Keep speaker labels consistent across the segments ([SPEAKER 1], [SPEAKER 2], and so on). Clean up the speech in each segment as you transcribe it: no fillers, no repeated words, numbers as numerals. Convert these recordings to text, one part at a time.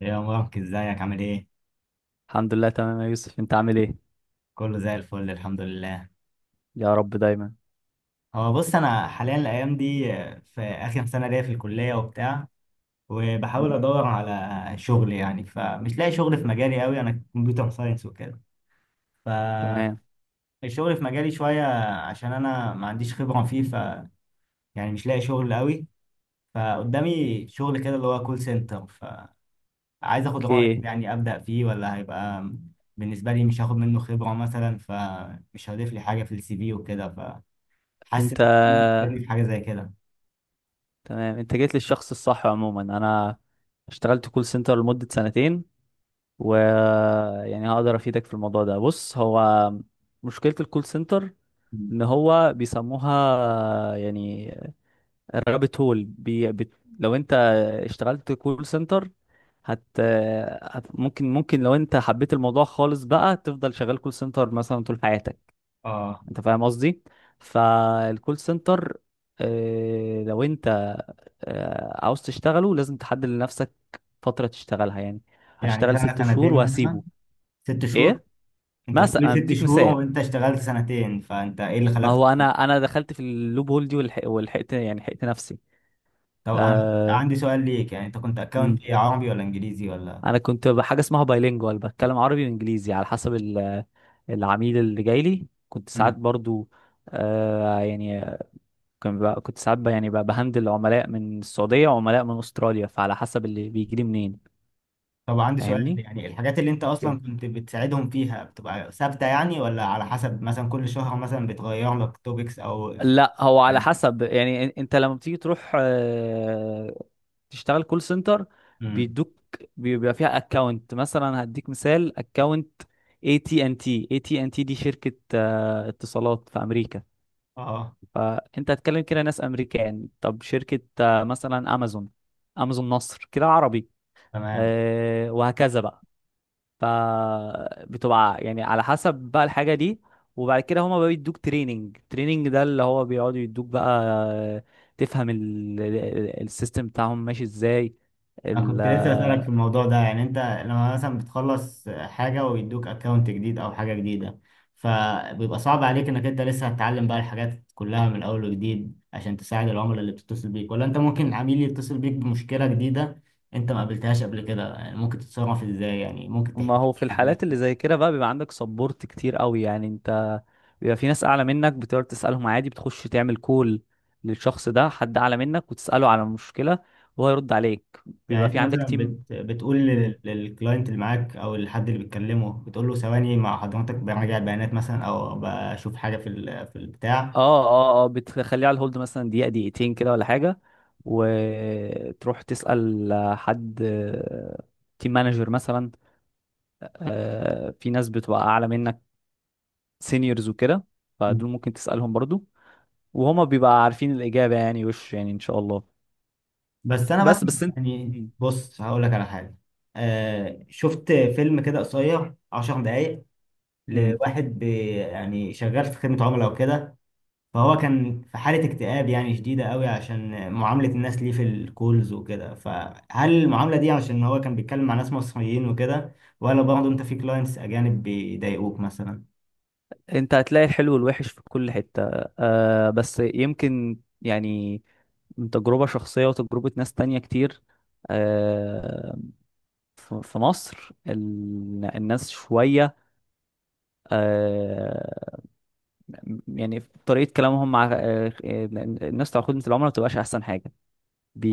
[SPEAKER 1] يا مبارك ازيك عامل ايه؟
[SPEAKER 2] الحمد لله تمام يا يوسف انت عامل ايه
[SPEAKER 1] كله زي الفل الحمد لله.
[SPEAKER 2] يا رب دايما
[SPEAKER 1] هو بص انا حاليا الايام دي في اخر سنة ليا في الكلية وبتاع، وبحاول
[SPEAKER 2] مم.
[SPEAKER 1] ادور على شغل، يعني فمش لاقي شغل في مجالي قوي، انا كمبيوتر ساينس وكده. فالشغل
[SPEAKER 2] تمام
[SPEAKER 1] في مجالي شوية عشان انا ما عنديش خبرة فيه، ف يعني مش لاقي شغل قوي. فقدامي شغل كده اللي هو كول سنتر، فعايز اخد رأيك،
[SPEAKER 2] اوكي
[SPEAKER 1] يعني ابدأ فيه ولا هيبقى بالنسبة لي مش هاخد منه خبرة مثلا، فمش هضيف لي حاجة في السي في وكده. حاسس
[SPEAKER 2] انت
[SPEAKER 1] انك بتبتدي في حاجه زي كده.
[SPEAKER 2] تمام، انت جيت للشخص الصح. عموما انا اشتغلت كول سنتر لمدة سنتين و هقدر افيدك في الموضوع ده. بص، هو مشكلة الكول سنتر
[SPEAKER 1] مم.
[SPEAKER 2] ان هو بيسموها يعني الرابت هول. لو انت اشتغلت كول سنتر هت... هت ممكن، لو انت حبيت الموضوع خالص بقى تفضل شغال كول سنتر مثلا طول حياتك.
[SPEAKER 1] اه،
[SPEAKER 2] انت فاهم قصدي؟ فالكول سنتر، لو انت عاوز تشتغله لازم تحدد لنفسك فترة تشتغلها. يعني
[SPEAKER 1] يعني
[SPEAKER 2] هشتغل
[SPEAKER 1] سنه
[SPEAKER 2] 6 شهور
[SPEAKER 1] سنتين مثلا؟
[SPEAKER 2] وهسيبه.
[SPEAKER 1] ست شهور؟
[SPEAKER 2] ايه،
[SPEAKER 1] انت
[SPEAKER 2] مثلا
[SPEAKER 1] بتقولي
[SPEAKER 2] انا
[SPEAKER 1] ست
[SPEAKER 2] بديك
[SPEAKER 1] شهور
[SPEAKER 2] مثال.
[SPEAKER 1] وانت اشتغلت سنتين، فانت ايه اللي
[SPEAKER 2] ما
[SPEAKER 1] خلاك؟
[SPEAKER 2] هو انا دخلت في اللوب هول دي، والحق والحقت، يعني حقت نفسي.
[SPEAKER 1] طب انا
[SPEAKER 2] آه.
[SPEAKER 1] عندي سؤال ليك، يعني انت كنت اكونت
[SPEAKER 2] مم.
[SPEAKER 1] ايه، عربي ولا انجليزي ولا؟
[SPEAKER 2] انا كنت بحاجة اسمها بايلينجوال، بتكلم عربي وانجليزي على حسب العميل اللي جاي لي. كنت ساعات
[SPEAKER 1] مم.
[SPEAKER 2] برضو، يعني كان بقى كنت ساعات بقى، يعني بقى بهندل عملاء من السعودية وعملاء من أستراليا، فعلى حسب اللي بيجي لي منين.
[SPEAKER 1] طب عندي سؤال،
[SPEAKER 2] فاهمني؟
[SPEAKER 1] يعني الحاجات اللي انت
[SPEAKER 2] اوكي.
[SPEAKER 1] اصلا كنت بتساعدهم فيها بتبقى ثابته يعني، ولا على حسب مثلا كل شهر مثلا بتغير لك توبكس او يعني؟
[SPEAKER 2] لا، هو على حسب. يعني انت لما بتيجي تروح تشتغل كول سنتر
[SPEAKER 1] امم.
[SPEAKER 2] بيدوك، بيبقى فيها اكونت. مثلا هديك مثال: اكونت اي تي ان تي. اي تي ان تي دي شركة اتصالات في امريكا،
[SPEAKER 1] اه
[SPEAKER 2] فانت هتكلم كده ناس امريكان. طب شركة مثلا امازون، امازون مصر كده عربي،
[SPEAKER 1] تمام.
[SPEAKER 2] وهكذا بقى. فبتبقى يعني على حسب بقى الحاجة دي. وبعد كده هما بقى بيدوك تريننج. تريننج ده اللي هو بيقعدوا يدوك بقى تفهم السيستم بتاعهم ماشي ازاي.
[SPEAKER 1] انا
[SPEAKER 2] ال-
[SPEAKER 1] كنت لسه بسألك في الموضوع ده، يعني انت لما مثلا بتخلص حاجة ويدوك اكونت جديد او حاجة جديدة، فبيبقى صعب عليك انك انت لسه هتتعلم بقى الحاجات كلها من اول وجديد، عشان تساعد العملاء اللي بتتصل بيك؟ ولا انت ممكن عميل يتصل بيك بمشكلة جديدة انت ما قابلتهاش قبل كده، يعني ممكن تتصرف ازاي؟ يعني ممكن
[SPEAKER 2] ما
[SPEAKER 1] تحكي لي
[SPEAKER 2] هو في
[SPEAKER 1] عن الحاجات
[SPEAKER 2] الحالات اللي
[SPEAKER 1] دي؟
[SPEAKER 2] زي كده بقى بيبقى عندك سبورت كتير قوي. يعني انت بيبقى في ناس اعلى منك بتقدر تسألهم عادي. بتخش تعمل كول للشخص ده، حد اعلى منك، وتسأله على المشكلة وهو يرد عليك.
[SPEAKER 1] يعني
[SPEAKER 2] بيبقى
[SPEAKER 1] انت
[SPEAKER 2] في عندك
[SPEAKER 1] مثلا
[SPEAKER 2] تيم.
[SPEAKER 1] بتقول للكلاينت اللي معاك او الحد اللي بتكلمه، بتقول له ثواني مع حضرتك براجع بيانات مثلا، او بشوف حاجة في ال... في البتاع؟
[SPEAKER 2] اه اه اه، بتخليه على الهولد مثلا دقيقة دقيقتين كده ولا حاجة، وتروح تسأل حد، تيم مانجر مثلا. في ناس بتبقى أعلى منك، سينيورز وكده، فدول ممكن تسألهم برضو، وهما بيبقى عارفين الإجابة. يعني وش يعني إن شاء الله.
[SPEAKER 1] بس انا
[SPEAKER 2] بس
[SPEAKER 1] بسمع،
[SPEAKER 2] بس انت.
[SPEAKER 1] يعني
[SPEAKER 2] مم.
[SPEAKER 1] بص هقول لك على حاجه. آه شفت فيلم كده قصير 10 دقايق
[SPEAKER 2] مم.
[SPEAKER 1] لواحد بي، يعني شغال في خدمه عملاء وكده. فهو كان في حاله اكتئاب يعني شديده قوي عشان معامله الناس ليه في الكولز وكده. فهل المعامله دي عشان هو كان بيتكلم مع ناس مصريين وكده، ولا برضه انت في كلاينتس اجانب بيضايقوك مثلا؟
[SPEAKER 2] انت هتلاقي الحلو والوحش في كل حتة. آه، بس يمكن يعني من تجربة شخصية وتجربة ناس تانية كتير. آه، في مصر الناس شوية، آه، يعني طريقة كلامهم مع الناس بتاع خدمة العملاء ما بتبقاش أحسن حاجة.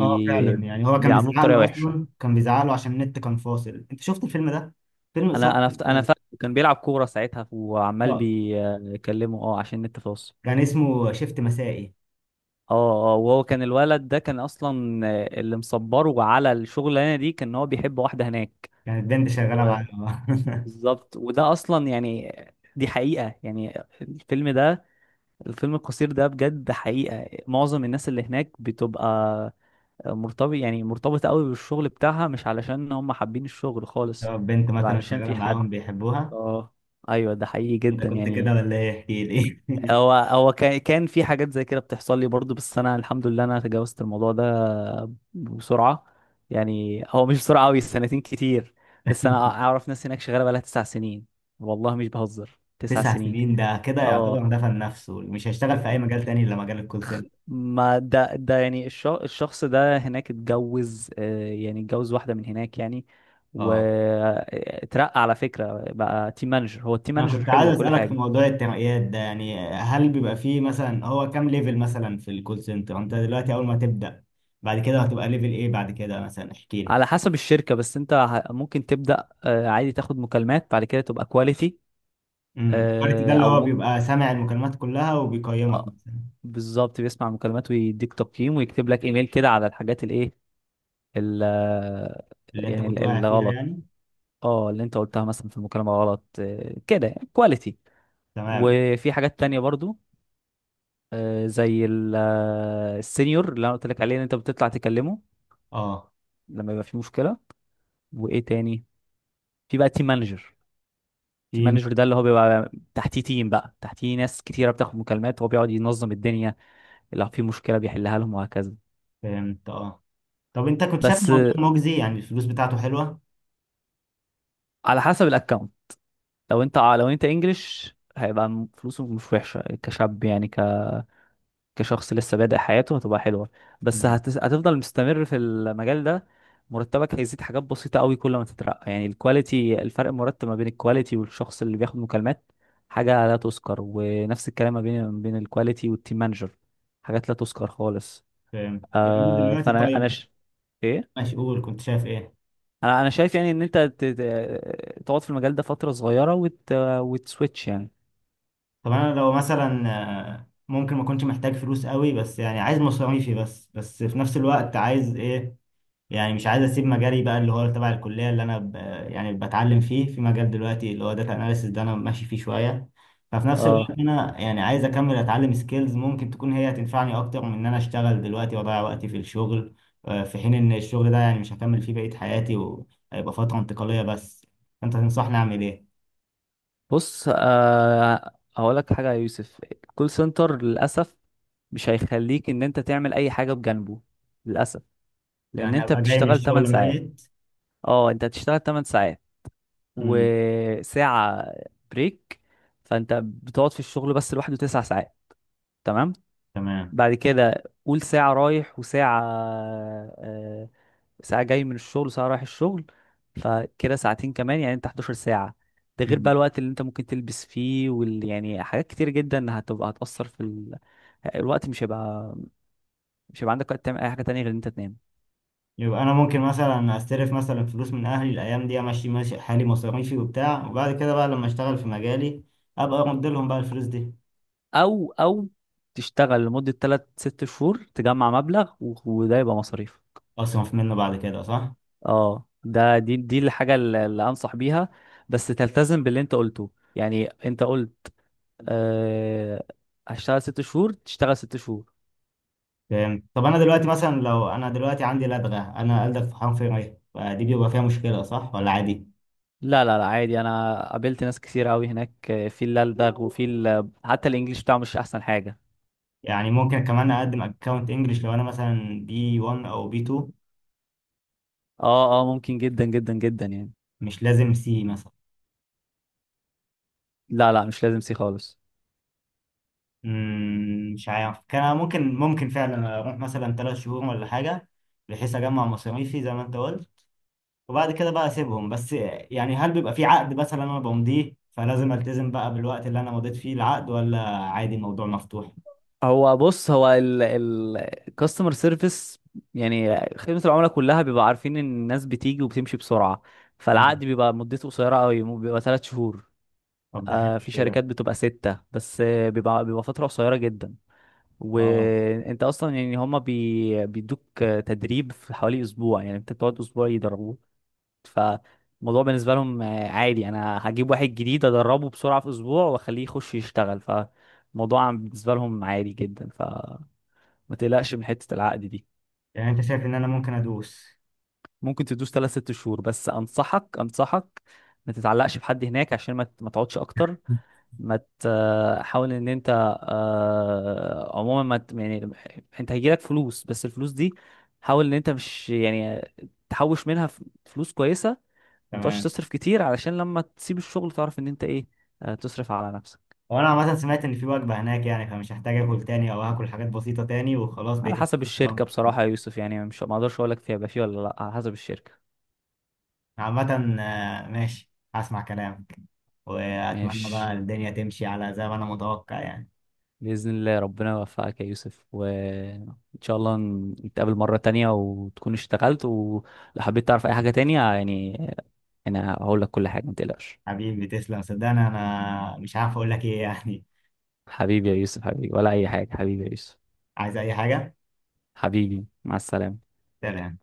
[SPEAKER 1] اه فعلا، يعني هو كان
[SPEAKER 2] بيعاملوه
[SPEAKER 1] بيزعق
[SPEAKER 2] بطريقة
[SPEAKER 1] له، اصلا
[SPEAKER 2] وحشة.
[SPEAKER 1] كان بيزعق له عشان النت كان فاصل. انت شفت الفيلم ده؟ فيلم قصير،
[SPEAKER 2] أنا فاكر كان بيلعب كورة ساعتها وعمال بيكلمه، أه، عشان النت فاصل.
[SPEAKER 1] كان اسمه شيفت مسائي.
[SPEAKER 2] اه اه، وهو كان الولد ده كان اصلا اللي مصبره على الشغلانه دي كان هو بيحب واحده هناك.
[SPEAKER 1] كانت بنت شغالة معاهم
[SPEAKER 2] وبالظبط، وده اصلا يعني دي حقيقه. يعني الفيلم ده، الفيلم القصير ده بجد حقيقة. معظم الناس اللي هناك بتبقى مرتبط، يعني مرتبطة قوي بالشغل بتاعها، مش علشان هم حابين الشغل خالص،
[SPEAKER 1] طب بنت
[SPEAKER 2] بيبقى
[SPEAKER 1] مثلا
[SPEAKER 2] علشان
[SPEAKER 1] شغالة
[SPEAKER 2] في
[SPEAKER 1] معاهم
[SPEAKER 2] حد.
[SPEAKER 1] بيحبوها؟
[SPEAKER 2] اه، ايوه، ده حقيقي
[SPEAKER 1] انت
[SPEAKER 2] جدا
[SPEAKER 1] كنت كده
[SPEAKER 2] يعني.
[SPEAKER 1] ولا ايه، احكي لي
[SPEAKER 2] هو هو كان كان في حاجات زي كده بتحصل لي برضو، بس انا الحمد لله انا تجاوزت الموضوع ده بسرعة. يعني هو مش بسرعة قوي، سنتين كتير، بس انا اعرف ناس هناك شغالة بقالها 9 سنين. والله مش بهزر، تسع
[SPEAKER 1] تسع
[SPEAKER 2] سنين
[SPEAKER 1] سنين ده كده
[SPEAKER 2] اه،
[SPEAKER 1] يعتبر دفن نفسه، مش هيشتغل في اي مجال تاني الا مجال الكول سنتر.
[SPEAKER 2] ما ده يعني الشخص ده هناك اتجوز، يعني اتجوز واحدة من هناك يعني.
[SPEAKER 1] اه.
[SPEAKER 2] واترقى على فكرة بقى تيم مانجر، هو التيم
[SPEAKER 1] انا
[SPEAKER 2] مانجر
[SPEAKER 1] كنت
[SPEAKER 2] حلو
[SPEAKER 1] عايز
[SPEAKER 2] وكل
[SPEAKER 1] اسالك في
[SPEAKER 2] حاجة.
[SPEAKER 1] موضوع الترقيات ده، يعني هل بيبقى فيه مثلا، هو كام ليفل مثلا في الكول سنتر؟ انت دلوقتي اول ما تبدا، بعد كده هتبقى ليفل ايه بعد كده مثلا، احكي لي.
[SPEAKER 2] على حسب الشركة، بس انت ممكن تبدأ عادي تاخد مكالمات، بعد كده تبقى كواليتي.
[SPEAKER 1] امم، الكواليتي ده اللي
[SPEAKER 2] او
[SPEAKER 1] هو
[SPEAKER 2] ممكن.
[SPEAKER 1] بيبقى سامع المكالمات كلها وبيقيمك مثلا؟
[SPEAKER 2] بالظبط، بيسمع المكالمات ويديك تقييم ويكتب لك ايميل كده على الحاجات الايه، ال- آه،
[SPEAKER 1] اللي انت
[SPEAKER 2] يعني
[SPEAKER 1] كنت واقع فيها
[SPEAKER 2] الغلط.
[SPEAKER 1] يعني.
[SPEAKER 2] اه، اللي انت قلتها مثلا في المكالمة غلط، كده كواليتي.
[SPEAKER 1] تمام.
[SPEAKER 2] وفي حاجات تانية برضو زي السينيور اللي انا قلت لك عليه ان انت بتطلع تكلمه
[SPEAKER 1] اه.
[SPEAKER 2] لما يبقى في مشكلة. وايه تاني؟ في بقى تيم مانجر. تيم
[SPEAKER 1] تيم.
[SPEAKER 2] مانجر ده اللي هو بيبقى تحتيه تيم، بقى تحتيه ناس كتيرة بتاخد مكالمات، هو بيقعد ينظم الدنيا، لو في مشكلة بيحلها لهم وهكذا.
[SPEAKER 1] فهمت، اه. طب انت كنت شايف
[SPEAKER 2] بس
[SPEAKER 1] الموضوع مجزي، يعني الفلوس بتاعته حلوه؟
[SPEAKER 2] على حسب الاكونت. لو انت انجلش، هيبقى فلوسه مش وحشة كشاب، يعني كشخص لسه بادئ حياته، هتبقى حلوة. بس
[SPEAKER 1] مم.
[SPEAKER 2] هتفضل مستمر في المجال ده، مرتبك هيزيد حاجات بسيطة قوي كل ما تترقى. يعني الكواليتي، الفرق المرتب ما بين الكواليتي والشخص اللي بياخد مكالمات حاجة لا تذكر، ونفس الكلام ما بين الكواليتي والتيم مانجر، حاجات لا تذكر خالص.
[SPEAKER 1] فهمت. يعني انا
[SPEAKER 2] آه
[SPEAKER 1] دلوقتي
[SPEAKER 2] فانا انا
[SPEAKER 1] طيب،
[SPEAKER 2] ش... ايه
[SPEAKER 1] ماشي، قول كنت شايف ايه.
[SPEAKER 2] انا شايف يعني ان انت تقعد في المجال ده فترة صغيرة وتسويتش يعني.
[SPEAKER 1] طب انا لو مثلا آه، ممكن ما كنتش محتاج فلوس قوي، بس يعني عايز مصاريفي بس، في نفس الوقت عايز ايه، يعني مش عايز اسيب مجالي بقى اللي هو تبع الكليه اللي يعني بتعلم فيه، في مجال دلوقتي اللي هو داتا اناليسيس ده انا ماشي فيه شويه. ففي نفس الوقت
[SPEAKER 2] اه،
[SPEAKER 1] انا يعني عايز اكمل اتعلم سكيلز ممكن تكون هي هتنفعني اكتر من ان انا اشتغل دلوقتي واضيع وقتي في الشغل، آه، في حين ان الشغل ده يعني مش هكمل فيه بقيه حياتي، وهيبقى فتره انتقاليه بس. انت تنصحني اعمل ايه؟
[SPEAKER 2] بص، هقول لك حاجة يا يوسف. الكول سنتر للأسف مش هيخليك ان انت تعمل اي حاجه بجانبه. للاسف، لان
[SPEAKER 1] يعني
[SPEAKER 2] انت
[SPEAKER 1] ابقى جاي من
[SPEAKER 2] بتشتغل 8
[SPEAKER 1] الشغل
[SPEAKER 2] ساعات.
[SPEAKER 1] ميت؟
[SPEAKER 2] اه، انت هتشتغل 8 ساعات
[SPEAKER 1] امم.
[SPEAKER 2] وساعه بريك، فانت بتقعد في الشغل بس لوحده 9 ساعات. تمام،
[SPEAKER 1] تمام.
[SPEAKER 2] بعد كده قول ساعه رايح وساعه، آه، ساعه جاي من الشغل وساعه رايح الشغل، فكده ساعتين كمان. يعني انت 11 ساعه. ده غير بقى الوقت اللي انت ممكن تلبس فيه، يعني حاجات كتير جدا هتبقى هتأثر في الوقت. مش هيبقى، مش هيبقى عندك وقت تعمل اي حاجه تانية غير ان انت تنام.
[SPEAKER 1] يبقى انا ممكن مثلا استلف مثلا فلوس من اهلي الايام دي، امشي ماشي حالي مصاريفي وبتاع، وبعد كده بقى لما اشتغل في مجالي ابقى ارد لهم بقى الفلوس دي.
[SPEAKER 2] او تشتغل لمدة 3 6 شهور، تجمع مبلغ و- وده يبقى مصاريف.
[SPEAKER 1] اصرف منه بعد كده، صح؟
[SPEAKER 2] اه، ده، دي الحاجة اللي انصح بيها. بس تلتزم باللي انت قلته. يعني انت قلت، أه هشتغل 6 شهور، تشتغل 6 شهور.
[SPEAKER 1] فهمت. طب انا دلوقتي مثلا، لو انا دلوقتي عندي لدغه، انا ألدغ في حرف ر، فدي بيبقى فيها مشكله صح ولا عادي؟
[SPEAKER 2] لا لا لا، عادي. انا قابلت ناس كتير قوي هناك، في اللي ألدغ وفي حتى الانجليش بتاعه مش احسن حاجة.
[SPEAKER 1] يعني ممكن كمان اقدم اكونت انجلش لو انا مثلا بي 1 او بي 2؟
[SPEAKER 2] اه اه، ممكن جدا جدا جدا يعني.
[SPEAKER 1] مش لازم سي مثلا؟
[SPEAKER 2] لا لا، مش لازم سي خالص.
[SPEAKER 1] مم، مش عارف، كان ممكن، ممكن فعلا اروح مثلا 3 شهور ولا حاجه، بحيث اجمع مصاريفي زي ما انت قلت، وبعد كده بقى اسيبهم. بس يعني هل بيبقى في عقد مثلا انا بمضيه، فلازم التزم بقى بالوقت اللي انا مضيت فيه العقد، ولا عادي الموضوع مفتوح؟
[SPEAKER 2] هو بص، هو الكاستمر سيرفيس، يعني خدمة العملاء كلها، بيبقى عارفين ان الناس بتيجي وبتمشي بسرعة، فالعقد
[SPEAKER 1] مم.
[SPEAKER 2] بيبقى مدته قصيرة قوي. بيبقى 3 شهور.
[SPEAKER 1] طب ده حلو
[SPEAKER 2] آه، في
[SPEAKER 1] أوي ده.
[SPEAKER 2] شركات بتبقى ستة بس، بيبقى فترة قصيرة جدا.
[SPEAKER 1] اه.
[SPEAKER 2] وانت اصلا يعني هما بيدوك تدريب في حوالي اسبوع. يعني انت بتقعد اسبوع يدربوك. فالموضوع بالنسبة لهم عادي. انا هجيب واحد جديد ادربه بسرعة في اسبوع واخليه يخش يشتغل. ف الموضوع بالنسبة لهم عادي جدا، ف ما تقلقش من حتة العقد دي.
[SPEAKER 1] يعني انت شايف ان انا ممكن ادوس؟
[SPEAKER 2] ممكن تدوس 3 6 شهور، بس أنصحك، ما تتعلقش بحد هناك عشان ما تقعدش أكتر. ما ت- حاول إن أنت، عموما ما ت- يعني أنت هيجيلك فلوس، بس الفلوس دي حاول إن أنت مش يعني تحوش منها فلوس كويسة. ما تقعدش
[SPEAKER 1] تمام.
[SPEAKER 2] تصرف كتير علشان لما تسيب الشغل تعرف إن أنت إيه، تصرف على نفسك.
[SPEAKER 1] هو انا عامه سمعت ان في وجبه هناك، يعني فمش هحتاج اكل تاني، او هاكل حاجات بسيطه تاني وخلاص
[SPEAKER 2] على
[SPEAKER 1] بقيت.
[SPEAKER 2] حسب
[SPEAKER 1] آه.
[SPEAKER 2] الشركة بصراحة يا يوسف. يعني مش، ما أقدرش أقول لك فيها يبقى فيه ولا لأ، على حسب الشركة.
[SPEAKER 1] عامه آه، ماشي هسمع كلامك، واتمنى
[SPEAKER 2] ماشي،
[SPEAKER 1] بقى الدنيا تمشي على زي ما انا متوقع يعني.
[SPEAKER 2] بإذن الله ربنا يوفقك يا يوسف، وإن شاء الله نتقابل مرة تانية وتكون اشتغلت. ولو حبيت تعرف أي حاجة تانية يعني، أنا هقول لك كل حاجة، ما تقلقش.
[SPEAKER 1] حبيبي تسلم، صدقني انا مش عارف اقول لك ايه يعني.
[SPEAKER 2] حبيبي يا يوسف، حبيبي ولا أي حاجة، حبيبي يا يوسف،
[SPEAKER 1] عايز اي حاجه؟
[SPEAKER 2] حبيبي مع السلامة.
[SPEAKER 1] سلام.